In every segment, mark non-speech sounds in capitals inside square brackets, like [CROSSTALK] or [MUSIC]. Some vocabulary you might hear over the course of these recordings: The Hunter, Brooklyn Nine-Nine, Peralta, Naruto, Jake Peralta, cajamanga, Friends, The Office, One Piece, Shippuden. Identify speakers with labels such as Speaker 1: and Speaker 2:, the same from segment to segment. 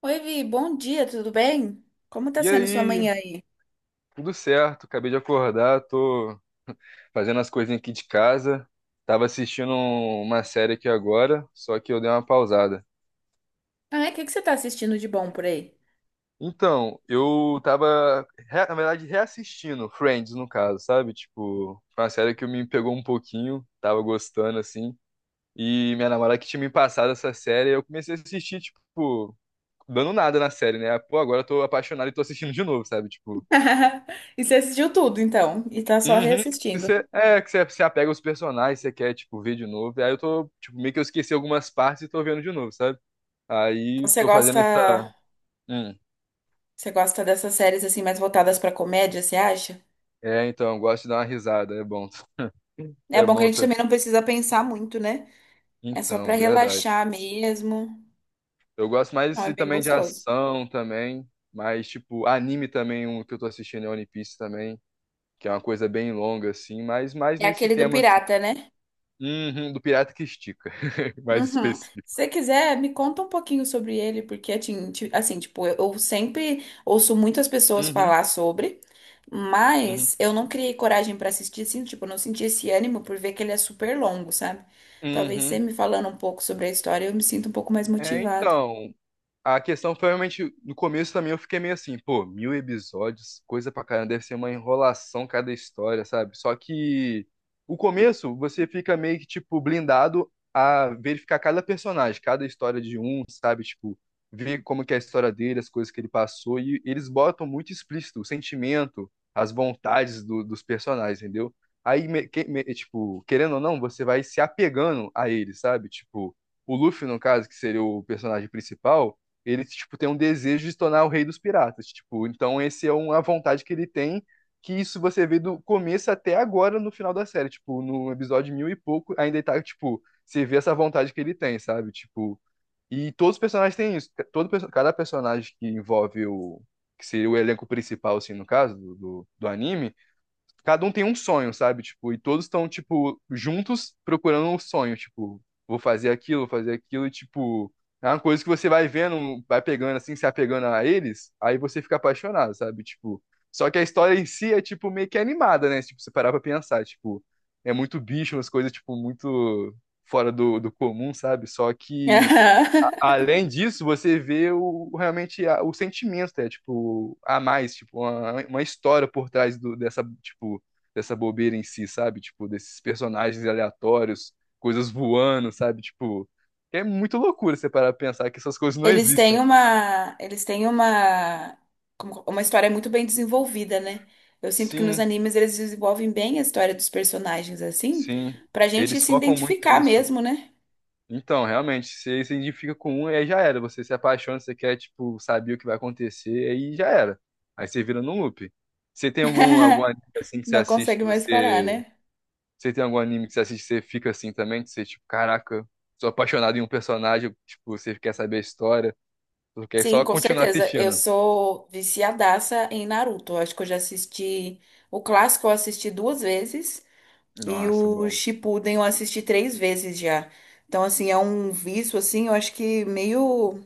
Speaker 1: Oi, Vi, bom dia, tudo bem? Como tá
Speaker 2: E
Speaker 1: sendo sua
Speaker 2: aí,
Speaker 1: manhã aí?
Speaker 2: tudo certo? Acabei de acordar, tô fazendo as coisinhas aqui de casa. Tava assistindo uma série aqui agora, só que eu dei uma pausada.
Speaker 1: Ah, é? O que que você tá assistindo de bom por aí?
Speaker 2: Então, eu tava, na verdade, reassistindo Friends, no caso, sabe? Tipo, foi uma série que me pegou um pouquinho, tava gostando, assim. E minha namorada que tinha me passado essa série, eu comecei a assistir, tipo, dando nada na série, né? Pô, agora eu tô apaixonado e tô assistindo de novo, sabe? Tipo...
Speaker 1: [LAUGHS] E você assistiu tudo, então, e tá só
Speaker 2: Uhum. Que
Speaker 1: reassistindo.
Speaker 2: você, que você se apega aos personagens, você quer, tipo, ver de novo. Aí eu tô, tipo, meio que eu esqueci algumas partes e tô vendo de novo, sabe?
Speaker 1: Então
Speaker 2: Aí tô fazendo essa. Hum.
Speaker 1: você gosta dessas séries assim mais voltadas pra comédia, você acha?
Speaker 2: É, então, eu gosto de dar uma risada, é bom.
Speaker 1: É
Speaker 2: É
Speaker 1: bom que a
Speaker 2: bom
Speaker 1: gente
Speaker 2: também.
Speaker 1: também não precisa pensar muito, né? É só pra
Speaker 2: Então, verdade.
Speaker 1: relaxar mesmo.
Speaker 2: Eu gosto mais
Speaker 1: Não, é
Speaker 2: assim,
Speaker 1: bem
Speaker 2: também de
Speaker 1: gostoso.
Speaker 2: ação também, mas, tipo, anime também, um que eu tô assistindo é One Piece também, que é uma coisa bem longa, assim, mas mais
Speaker 1: É
Speaker 2: nesse
Speaker 1: aquele do
Speaker 2: tema, assim.
Speaker 1: pirata, né?
Speaker 2: Uhum, do pirata que estica, [LAUGHS] mais
Speaker 1: Uhum.
Speaker 2: específico.
Speaker 1: Se você quiser, me conta um pouquinho sobre ele, porque assim, assim, tipo, eu sempre ouço muitas pessoas
Speaker 2: Uhum,
Speaker 1: falar sobre,
Speaker 2: uhum,
Speaker 1: mas eu não criei coragem pra assistir, assim, tipo, eu não senti esse ânimo por ver que ele é super longo, sabe? Talvez você
Speaker 2: uhum.
Speaker 1: me falando um pouco sobre a história, eu me sinto um pouco mais
Speaker 2: É,
Speaker 1: motivada.
Speaker 2: então. A questão foi realmente, no começo também eu fiquei meio assim, pô, mil episódios, coisa pra caramba, deve ser uma enrolação cada história, sabe? Só que o começo você fica meio que, tipo, blindado a verificar cada personagem, cada história de um, sabe? Tipo, ver como que é a história dele, as coisas que ele passou, e eles botam muito explícito o sentimento, as vontades dos personagens, entendeu? Aí, querendo ou não, você vai se apegando a eles, sabe? Tipo, o Luffy, no caso, que seria o personagem principal, ele tipo tem um desejo de se tornar o rei dos piratas, tipo, então esse é uma vontade que ele tem, que isso você vê do começo até agora no final da série, tipo, no episódio mil e pouco, ainda ele tá tipo, você vê essa vontade que ele tem, sabe? Tipo, e todos os personagens têm isso, cada personagem que envolve o que seria o elenco principal assim no caso do anime, cada um tem um sonho, sabe? Tipo, e todos estão, tipo, juntos procurando um sonho, tipo, vou fazer aquilo, e, tipo, é uma coisa que você vai vendo, vai pegando assim, se apegando a eles, aí você fica apaixonado, sabe? Tipo, só que a história em si é, tipo, meio que animada, né? Tipo, você parar pra pensar, tipo, é muito bicho, umas coisas, tipo, muito fora do comum, sabe? Só que...
Speaker 1: [LAUGHS]
Speaker 2: Além disso, você vê o, realmente o sentimento, é tipo, a mais, tipo, uma história por trás dessa, tipo, dessa bobeira em si, sabe? Tipo, desses personagens aleatórios, coisas voando, sabe? Tipo, é muito loucura você parar pra pensar que essas coisas não existem.
Speaker 1: Eles têm uma, uma história muito bem desenvolvida, né? Eu sinto que nos
Speaker 2: Sim,
Speaker 1: animes eles desenvolvem bem a história dos personagens assim,
Speaker 2: sim.
Speaker 1: pra gente
Speaker 2: Eles
Speaker 1: se
Speaker 2: focam muito
Speaker 1: identificar
Speaker 2: nisso.
Speaker 1: mesmo, né?
Speaker 2: Então, realmente, você se identifica com um, aí já era. Você se apaixona, você quer, tipo, saber o que vai acontecer, aí já era. Aí você vira num loop. Você tem algum, algum
Speaker 1: [LAUGHS]
Speaker 2: anime assim que você
Speaker 1: Não
Speaker 2: assiste
Speaker 1: consegue
Speaker 2: que
Speaker 1: mais parar,
Speaker 2: você...
Speaker 1: né?
Speaker 2: Você tem algum anime que você assiste que você fica assim também? Que você, tipo, caraca, sou apaixonado em um personagem, tipo, você quer saber a história, porque é
Speaker 1: Sim,
Speaker 2: só
Speaker 1: com
Speaker 2: continuar
Speaker 1: certeza. Eu
Speaker 2: assistindo.
Speaker 1: sou viciadaça em Naruto. Eu acho que eu já assisti o clássico, eu assisti duas vezes e
Speaker 2: Nossa,
Speaker 1: o
Speaker 2: bom.
Speaker 1: Shippuden eu assisti três vezes já. Então, assim, é um vício assim, eu acho que meio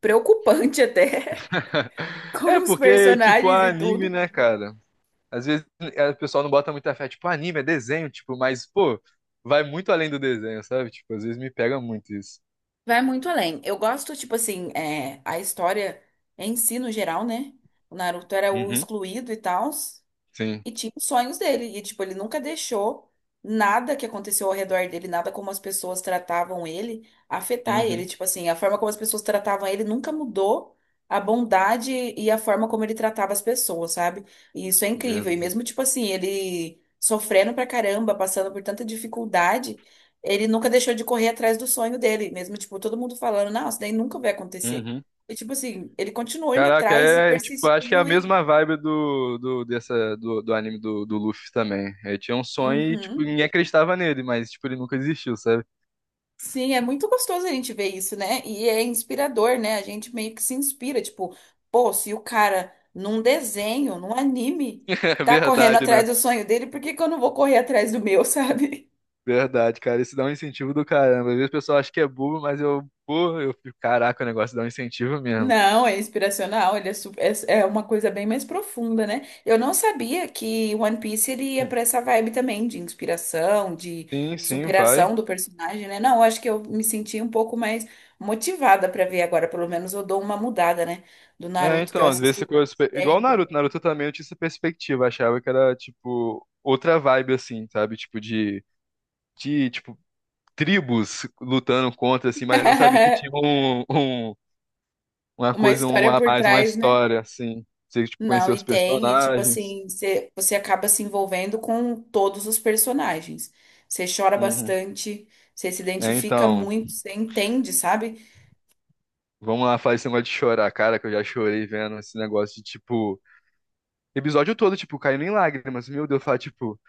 Speaker 1: preocupante [LAUGHS] até,
Speaker 2: [LAUGHS] É
Speaker 1: com os
Speaker 2: porque, tipo,
Speaker 1: personagens e
Speaker 2: anime,
Speaker 1: tudo.
Speaker 2: né, cara? Às vezes o pessoal não bota muita fé, tipo, anime é desenho, tipo, mas, pô, vai muito além do desenho, sabe? Tipo, às vezes me pega muito isso.
Speaker 1: Vai muito além. Eu gosto, tipo assim, é, a história em si, no geral, né? O Naruto era o
Speaker 2: Uhum.
Speaker 1: excluído e tal.
Speaker 2: Sim.
Speaker 1: E tinha os sonhos dele. E, tipo, ele nunca deixou nada que aconteceu ao redor dele, nada como as pessoas tratavam ele, afetar
Speaker 2: Uhum.
Speaker 1: ele. Tipo assim, a forma como as pessoas tratavam ele nunca mudou a bondade e a forma como ele tratava as pessoas, sabe? E isso é incrível. E
Speaker 2: Verdade.
Speaker 1: mesmo, tipo assim, ele sofrendo pra caramba, passando por tanta dificuldade, ele nunca deixou de correr atrás do sonho dele. Mesmo, tipo, todo mundo falando, não, isso daí nunca vai acontecer.
Speaker 2: Uhum.
Speaker 1: E, tipo assim, ele continuou indo
Speaker 2: Caraca,
Speaker 1: atrás e
Speaker 2: tipo, acho que é a
Speaker 1: persistiu e.
Speaker 2: mesma vibe dessa, do anime do Luffy também. Eu tinha um sonho e, tipo,
Speaker 1: Uhum.
Speaker 2: ninguém acreditava nele, mas, tipo, ele nunca existiu, sabe?
Speaker 1: Sim, é muito gostoso a gente ver isso, né? E é inspirador, né? A gente meio que se inspira, tipo, pô, se o cara num desenho, num anime,
Speaker 2: [LAUGHS] É
Speaker 1: tá correndo [LAUGHS]
Speaker 2: verdade, né?
Speaker 1: atrás do sonho dele, por que que eu não vou correr atrás do meu, [LAUGHS] sabe?
Speaker 2: Verdade, cara. Isso dá um incentivo do caramba. Às vezes o pessoal acha que é bobo, mas eu, pô, eu fico, caraca, o negócio dá um incentivo mesmo.
Speaker 1: Não, é inspiracional, ele é, é, é uma coisa bem mais profunda, né? Eu não sabia que One Piece ele ia pra essa vibe também de inspiração, de
Speaker 2: Sim, sim, vai.
Speaker 1: superação do personagem, né? Não, eu acho que eu me senti um pouco mais motivada pra ver agora, pelo menos eu dou uma mudada, né? Do
Speaker 2: É,
Speaker 1: Naruto que eu
Speaker 2: então, às vezes
Speaker 1: assisto
Speaker 2: ficou igual o
Speaker 1: sempre.
Speaker 2: Naruto. Naruto também eu tinha essa perspectiva, achava que era tipo outra vibe assim, sabe? Tipo de tribos lutando contra assim, mas eu não sabia que
Speaker 1: [LAUGHS]
Speaker 2: tinha um, uma
Speaker 1: Uma
Speaker 2: coisa um
Speaker 1: história
Speaker 2: a
Speaker 1: por
Speaker 2: mais, uma
Speaker 1: trás, né?
Speaker 2: história assim. Você tipo
Speaker 1: Não,
Speaker 2: conhecer
Speaker 1: e
Speaker 2: os
Speaker 1: tem, e tipo
Speaker 2: personagens.
Speaker 1: assim, você, você acaba se envolvendo com todos os personagens. Você chora
Speaker 2: Uhum.
Speaker 1: bastante, você se
Speaker 2: É,
Speaker 1: identifica
Speaker 2: então,
Speaker 1: muito, você entende, sabe?
Speaker 2: vamos lá falar esse negócio de chorar, cara, que eu já chorei vendo esse negócio de tipo episódio todo tipo caindo em lágrimas. Meu Deus, eu falo, tipo...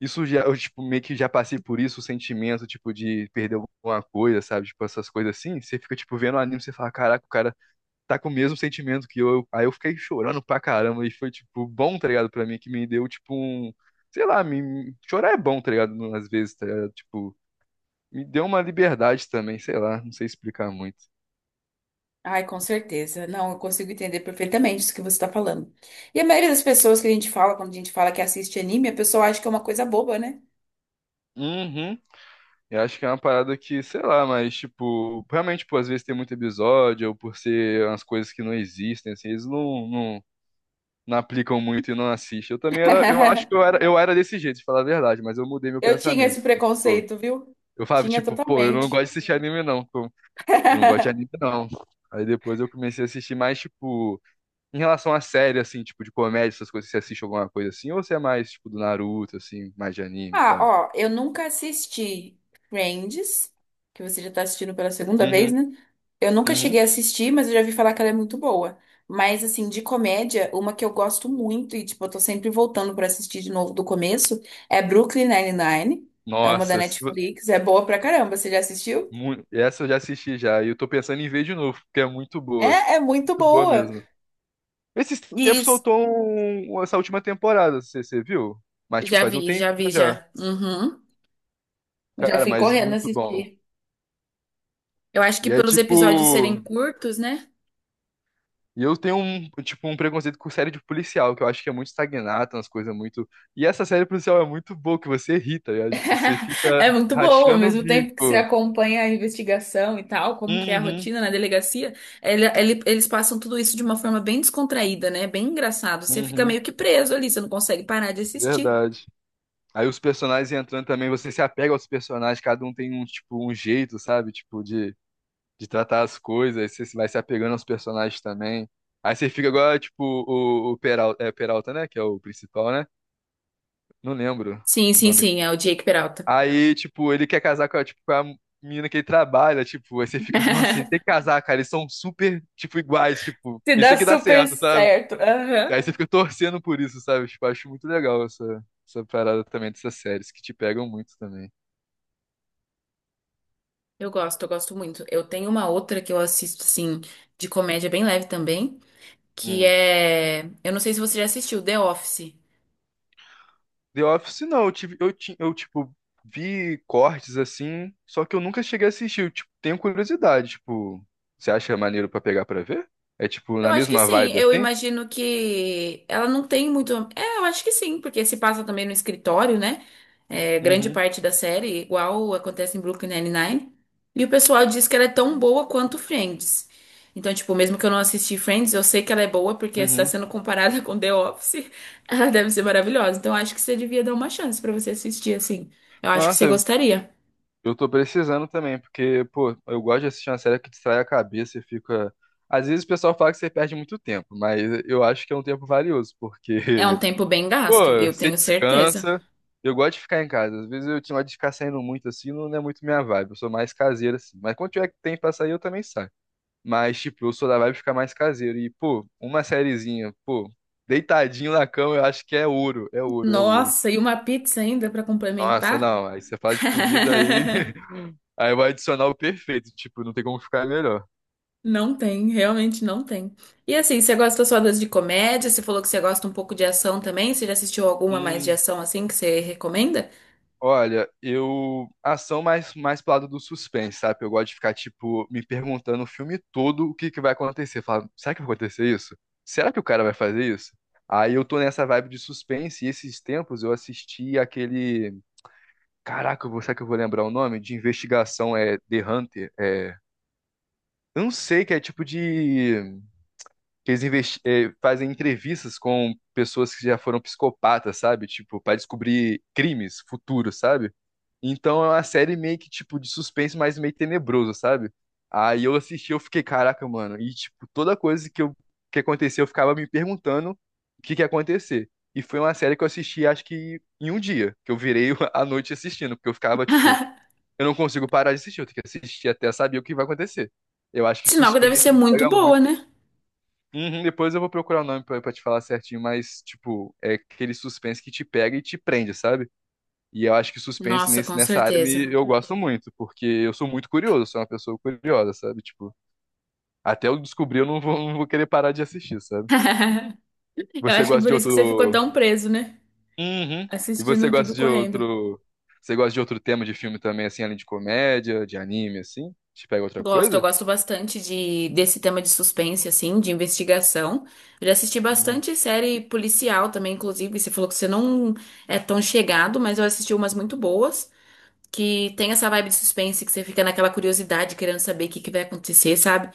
Speaker 2: Isso já, eu, tipo, meio que já passei por isso, o sentimento, tipo, de perder alguma coisa, sabe? Tipo, essas coisas assim. Você fica, tipo, vendo o anime, você fala, caraca, o cara tá com o mesmo sentimento que eu. Aí eu fiquei chorando pra caramba e foi, tipo, bom, tá ligado? Pra mim, que me deu, tipo, um... Sei lá, me... chorar é bom, tá ligado? Às vezes, tá ligado? Tipo, me deu uma liberdade também, sei lá, não sei explicar muito.
Speaker 1: Ai, com certeza. Não, eu consigo entender perfeitamente isso que você tá falando. E a maioria das pessoas que a gente fala, quando a gente fala que assiste anime, a pessoa acha que é uma coisa boba, né?
Speaker 2: Uhum. Eu acho que é uma parada que, sei lá, mas, tipo, realmente, tipo, às vezes tem muito episódio, ou por ser umas coisas que não existem, assim, eles não, não aplicam muito e não assistem. Eu também era, eu acho
Speaker 1: [LAUGHS]
Speaker 2: que eu era desse jeito, de falar a verdade, mas eu mudei meu
Speaker 1: Eu tinha
Speaker 2: pensamento.
Speaker 1: esse
Speaker 2: Tipo,
Speaker 1: preconceito, viu?
Speaker 2: eu falava,
Speaker 1: Tinha
Speaker 2: tipo, pô, eu não gosto
Speaker 1: totalmente.
Speaker 2: de assistir anime, não. Pô. Eu não gosto de anime,
Speaker 1: [LAUGHS]
Speaker 2: não. Aí depois eu comecei a assistir mais, tipo, em relação a série, assim, tipo, de comédia, essas coisas, você assiste alguma coisa assim, ou você é mais, tipo, do Naruto, assim, mais de anime e
Speaker 1: Ah,
Speaker 2: tal?
Speaker 1: ó, eu nunca assisti Friends, que você já tá assistindo pela segunda vez,
Speaker 2: Uhum,
Speaker 1: né? Eu nunca cheguei
Speaker 2: uhum.
Speaker 1: a assistir, mas eu já vi falar que ela é muito boa. Mas, assim, de comédia, uma que eu gosto muito e, tipo, eu tô sempre voltando pra assistir de novo do começo é Brooklyn Nine-Nine. É uma da
Speaker 2: Nossa, se-
Speaker 1: Netflix, é boa pra caramba. Você já assistiu?
Speaker 2: mu- Essa eu já assisti já, e eu tô pensando em ver de novo, porque é
Speaker 1: É, é muito
Speaker 2: muito boa
Speaker 1: boa.
Speaker 2: mesmo. Esses tempos
Speaker 1: Isso.
Speaker 2: soltou essa última temporada, você viu? Mas, tipo,
Speaker 1: Já
Speaker 2: faz um
Speaker 1: vi,
Speaker 2: tempinho
Speaker 1: já vi,
Speaker 2: já.
Speaker 1: já. Uhum. Eu já
Speaker 2: Cara,
Speaker 1: fui
Speaker 2: mas
Speaker 1: correndo
Speaker 2: muito bom.
Speaker 1: assistir. Eu acho que
Speaker 2: E é
Speaker 1: pelos episódios serem
Speaker 2: tipo...
Speaker 1: curtos, né?
Speaker 2: E eu tenho um, tipo, um preconceito com série de policial, que eu acho que é muito estagnado, umas coisas muito. E essa série policial é muito boa, que você irrita, você fica
Speaker 1: [LAUGHS] É muito bom, ao
Speaker 2: rachando o
Speaker 1: mesmo tempo que você
Speaker 2: bico.
Speaker 1: acompanha a investigação e tal, como que é a
Speaker 2: Uhum,
Speaker 1: rotina na delegacia, eles passam tudo isso de uma forma bem descontraída, né? Bem engraçado. Você fica
Speaker 2: uhum,
Speaker 1: meio que preso ali, você não consegue parar de assistir.
Speaker 2: verdade. Aí os personagens entrando também, você se apega aos personagens, cada um tem um, tipo, um jeito, sabe? Tipo, de tratar as coisas, você vai se apegando aos personagens também. Aí você fica agora, tipo, o Peralta, é Peralta, né? Que é o principal, né? Não lembro
Speaker 1: Sim,
Speaker 2: o
Speaker 1: sim,
Speaker 2: nome dele.
Speaker 1: sim, é o Jake Peralta.
Speaker 2: Aí, tipo, ele quer casar com a, tipo, com a menina que ele trabalha, tipo, aí você fica, nossa, ele tem
Speaker 1: [LAUGHS]
Speaker 2: que casar, cara, eles são super, tipo, iguais, tipo,
Speaker 1: Se
Speaker 2: isso
Speaker 1: dá
Speaker 2: tem que dar
Speaker 1: super
Speaker 2: certo, sabe?
Speaker 1: certo. Aham.
Speaker 2: Aí você fica torcendo por isso, sabe? Tipo, acho muito legal essa, essa parada também dessas séries que te pegam muito também.
Speaker 1: Eu gosto muito. Eu tenho uma outra que eu assisto, assim, de comédia bem leve também, que
Speaker 2: Hum.
Speaker 1: é. Eu não sei se você já assistiu, The Office.
Speaker 2: The Office não, eu tive, eu, ti- eu tipo vi cortes assim, só que eu nunca cheguei a assistir. Eu, tipo, tenho curiosidade, tipo, você acha maneiro pra pegar pra ver? É tipo
Speaker 1: Eu
Speaker 2: na
Speaker 1: acho que
Speaker 2: mesma
Speaker 1: sim.
Speaker 2: vibe
Speaker 1: Eu
Speaker 2: assim?
Speaker 1: imagino que ela não tem muito. É, eu acho que sim, porque se passa também no escritório, né? É, grande
Speaker 2: Uhum,
Speaker 1: parte da série, igual acontece em Brooklyn Nine-Nine. E o pessoal diz que ela é tão boa quanto Friends. Então, tipo, mesmo que eu não assisti Friends, eu sei que ela é boa porque se está
Speaker 2: uhum.
Speaker 1: sendo comparada [LAUGHS] com The Office, ela deve ser maravilhosa. Então, eu acho que você devia dar uma chance pra você assistir, assim. Eu acho que
Speaker 2: Nossa,
Speaker 1: você gostaria.
Speaker 2: eu tô precisando também, porque pô, eu gosto de assistir uma série que distrai a cabeça e fica... Às vezes o pessoal fala que você perde muito tempo, mas eu acho que é um tempo valioso, porque...
Speaker 1: É um
Speaker 2: [LAUGHS]
Speaker 1: tempo bem gasto,
Speaker 2: Pô,
Speaker 1: eu
Speaker 2: você
Speaker 1: tenho certeza.
Speaker 2: descansa. Eu gosto de ficar em casa. Às vezes eu tinha de ficar saindo muito assim, não é muito minha vibe. Eu sou mais caseiro assim. Mas quando tiver que tem pra sair, eu também saio. Mas, tipo, eu sou da vibe de ficar mais caseiro. E, pô, uma sériezinha, pô, deitadinho na cama, eu acho que é ouro. É ouro, é ouro.
Speaker 1: Nossa, e uma pizza ainda pra
Speaker 2: Nossa,
Speaker 1: complementar?
Speaker 2: não. Aí você fala de comida aí.
Speaker 1: [LAUGHS]
Speaker 2: [LAUGHS] Aí vai adicionar o perfeito. Tipo, não tem como ficar melhor.
Speaker 1: Não tem, realmente não tem. E assim, você gosta só das de comédia? Você falou que você gosta um pouco de ação também. Você já assistiu alguma mais de
Speaker 2: Hum.
Speaker 1: ação assim que você recomenda?
Speaker 2: Olha, eu... Ação mais, mais pro lado do suspense, sabe? Eu gosto de ficar, tipo, me perguntando o filme todo o que que vai acontecer. Falando, será que vai acontecer isso? Será que o cara vai fazer isso? Aí eu tô nessa vibe de suspense e esses tempos eu assisti aquele... Caraca, será que eu vou lembrar o nome? De investigação, é The Hunter. É. Eu não sei, que é tipo de... Que eles fazem entrevistas com pessoas que já foram psicopatas, sabe? Tipo, pra descobrir crimes futuros, sabe? Então é uma série meio que, tipo, de suspense, mas meio tenebroso, sabe? Aí eu assisti, eu fiquei, caraca, mano. E, tipo, toda coisa que aconteceu, eu ficava me perguntando o que que ia acontecer. E foi uma série que eu assisti, acho que em um dia, que eu virei [LAUGHS] a noite assistindo, porque eu ficava, tipo,
Speaker 1: [LAUGHS]
Speaker 2: eu não consigo parar de assistir, eu tenho que assistir até saber o que vai acontecer. Eu acho que
Speaker 1: Sinal que deve
Speaker 2: suspense
Speaker 1: ser
Speaker 2: me
Speaker 1: muito
Speaker 2: pega
Speaker 1: boa,
Speaker 2: muito.
Speaker 1: né?
Speaker 2: Uhum, depois eu vou procurar o nome pra te falar certinho, mas, tipo, é aquele suspense que te pega e te prende, sabe? E eu acho que suspense
Speaker 1: Nossa,
Speaker 2: nesse,
Speaker 1: com
Speaker 2: nessa área
Speaker 1: certeza.
Speaker 2: me... eu
Speaker 1: [LAUGHS]
Speaker 2: gosto muito, porque eu sou muito curioso, sou uma pessoa curiosa, sabe? Tipo, até eu descobrir, eu não vou, não vou querer parar de assistir, sabe?
Speaker 1: Eu
Speaker 2: Você
Speaker 1: acho que
Speaker 2: gosta
Speaker 1: por
Speaker 2: de
Speaker 1: isso que você ficou
Speaker 2: outro.
Speaker 1: tão preso, né?
Speaker 2: Uhum. E você
Speaker 1: Assistindo tudo
Speaker 2: gosta de
Speaker 1: correndo.
Speaker 2: outro. Você gosta de outro tema de filme também, assim, além de comédia, de anime, assim? Te pega outra
Speaker 1: Gosto, eu
Speaker 2: coisa?
Speaker 1: gosto bastante de, desse tema de suspense, assim, de investigação. Eu já assisti
Speaker 2: Uhum.
Speaker 1: bastante série policial também, inclusive. Você falou que você não é tão chegado, mas eu assisti umas muito boas, que tem essa vibe de suspense, que você fica naquela curiosidade, querendo saber o que que vai acontecer, sabe?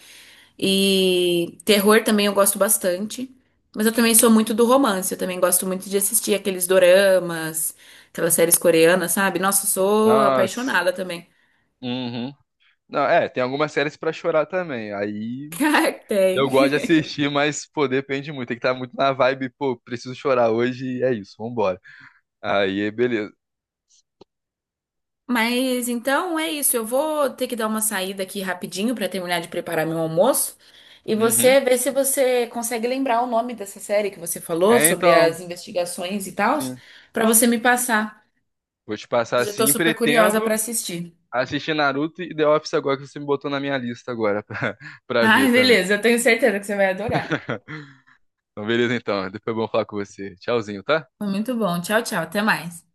Speaker 1: E terror também eu gosto bastante. Mas eu também sou muito do romance, eu também gosto muito de assistir aqueles doramas, aquelas séries coreanas, sabe? Nossa, eu sou
Speaker 2: Nossa.
Speaker 1: apaixonada também.
Speaker 2: Uhum. Não, é, tem algumas séries pra chorar também.
Speaker 1: [LAUGHS]
Speaker 2: Aí
Speaker 1: Cara,
Speaker 2: eu
Speaker 1: tem.
Speaker 2: gosto de assistir, mas, pô, depende muito. Tem que estar muito na vibe, pô, preciso chorar hoje e é isso, vambora. Aí, beleza.
Speaker 1: Mas então é isso, eu vou ter que dar uma saída aqui rapidinho para terminar de preparar meu almoço. E
Speaker 2: Uhum.
Speaker 1: você vê se você consegue lembrar o nome dessa série que você falou
Speaker 2: É,
Speaker 1: sobre
Speaker 2: então,
Speaker 1: as investigações e tal,
Speaker 2: sim.
Speaker 1: para você me passar,
Speaker 2: Vou te
Speaker 1: que
Speaker 2: passar
Speaker 1: eu já tô
Speaker 2: assim.
Speaker 1: super curiosa para
Speaker 2: Pretendo
Speaker 1: assistir.
Speaker 2: assistir Naruto e The Office agora que você me botou na minha lista agora [LAUGHS] pra,
Speaker 1: [LAUGHS]
Speaker 2: pra ver
Speaker 1: Ai,
Speaker 2: também.
Speaker 1: beleza, eu tenho certeza que você vai adorar.
Speaker 2: Então, beleza então. Depois é bom falar com você. Tchauzinho, tá?
Speaker 1: Foi muito bom. Tchau, tchau, até mais.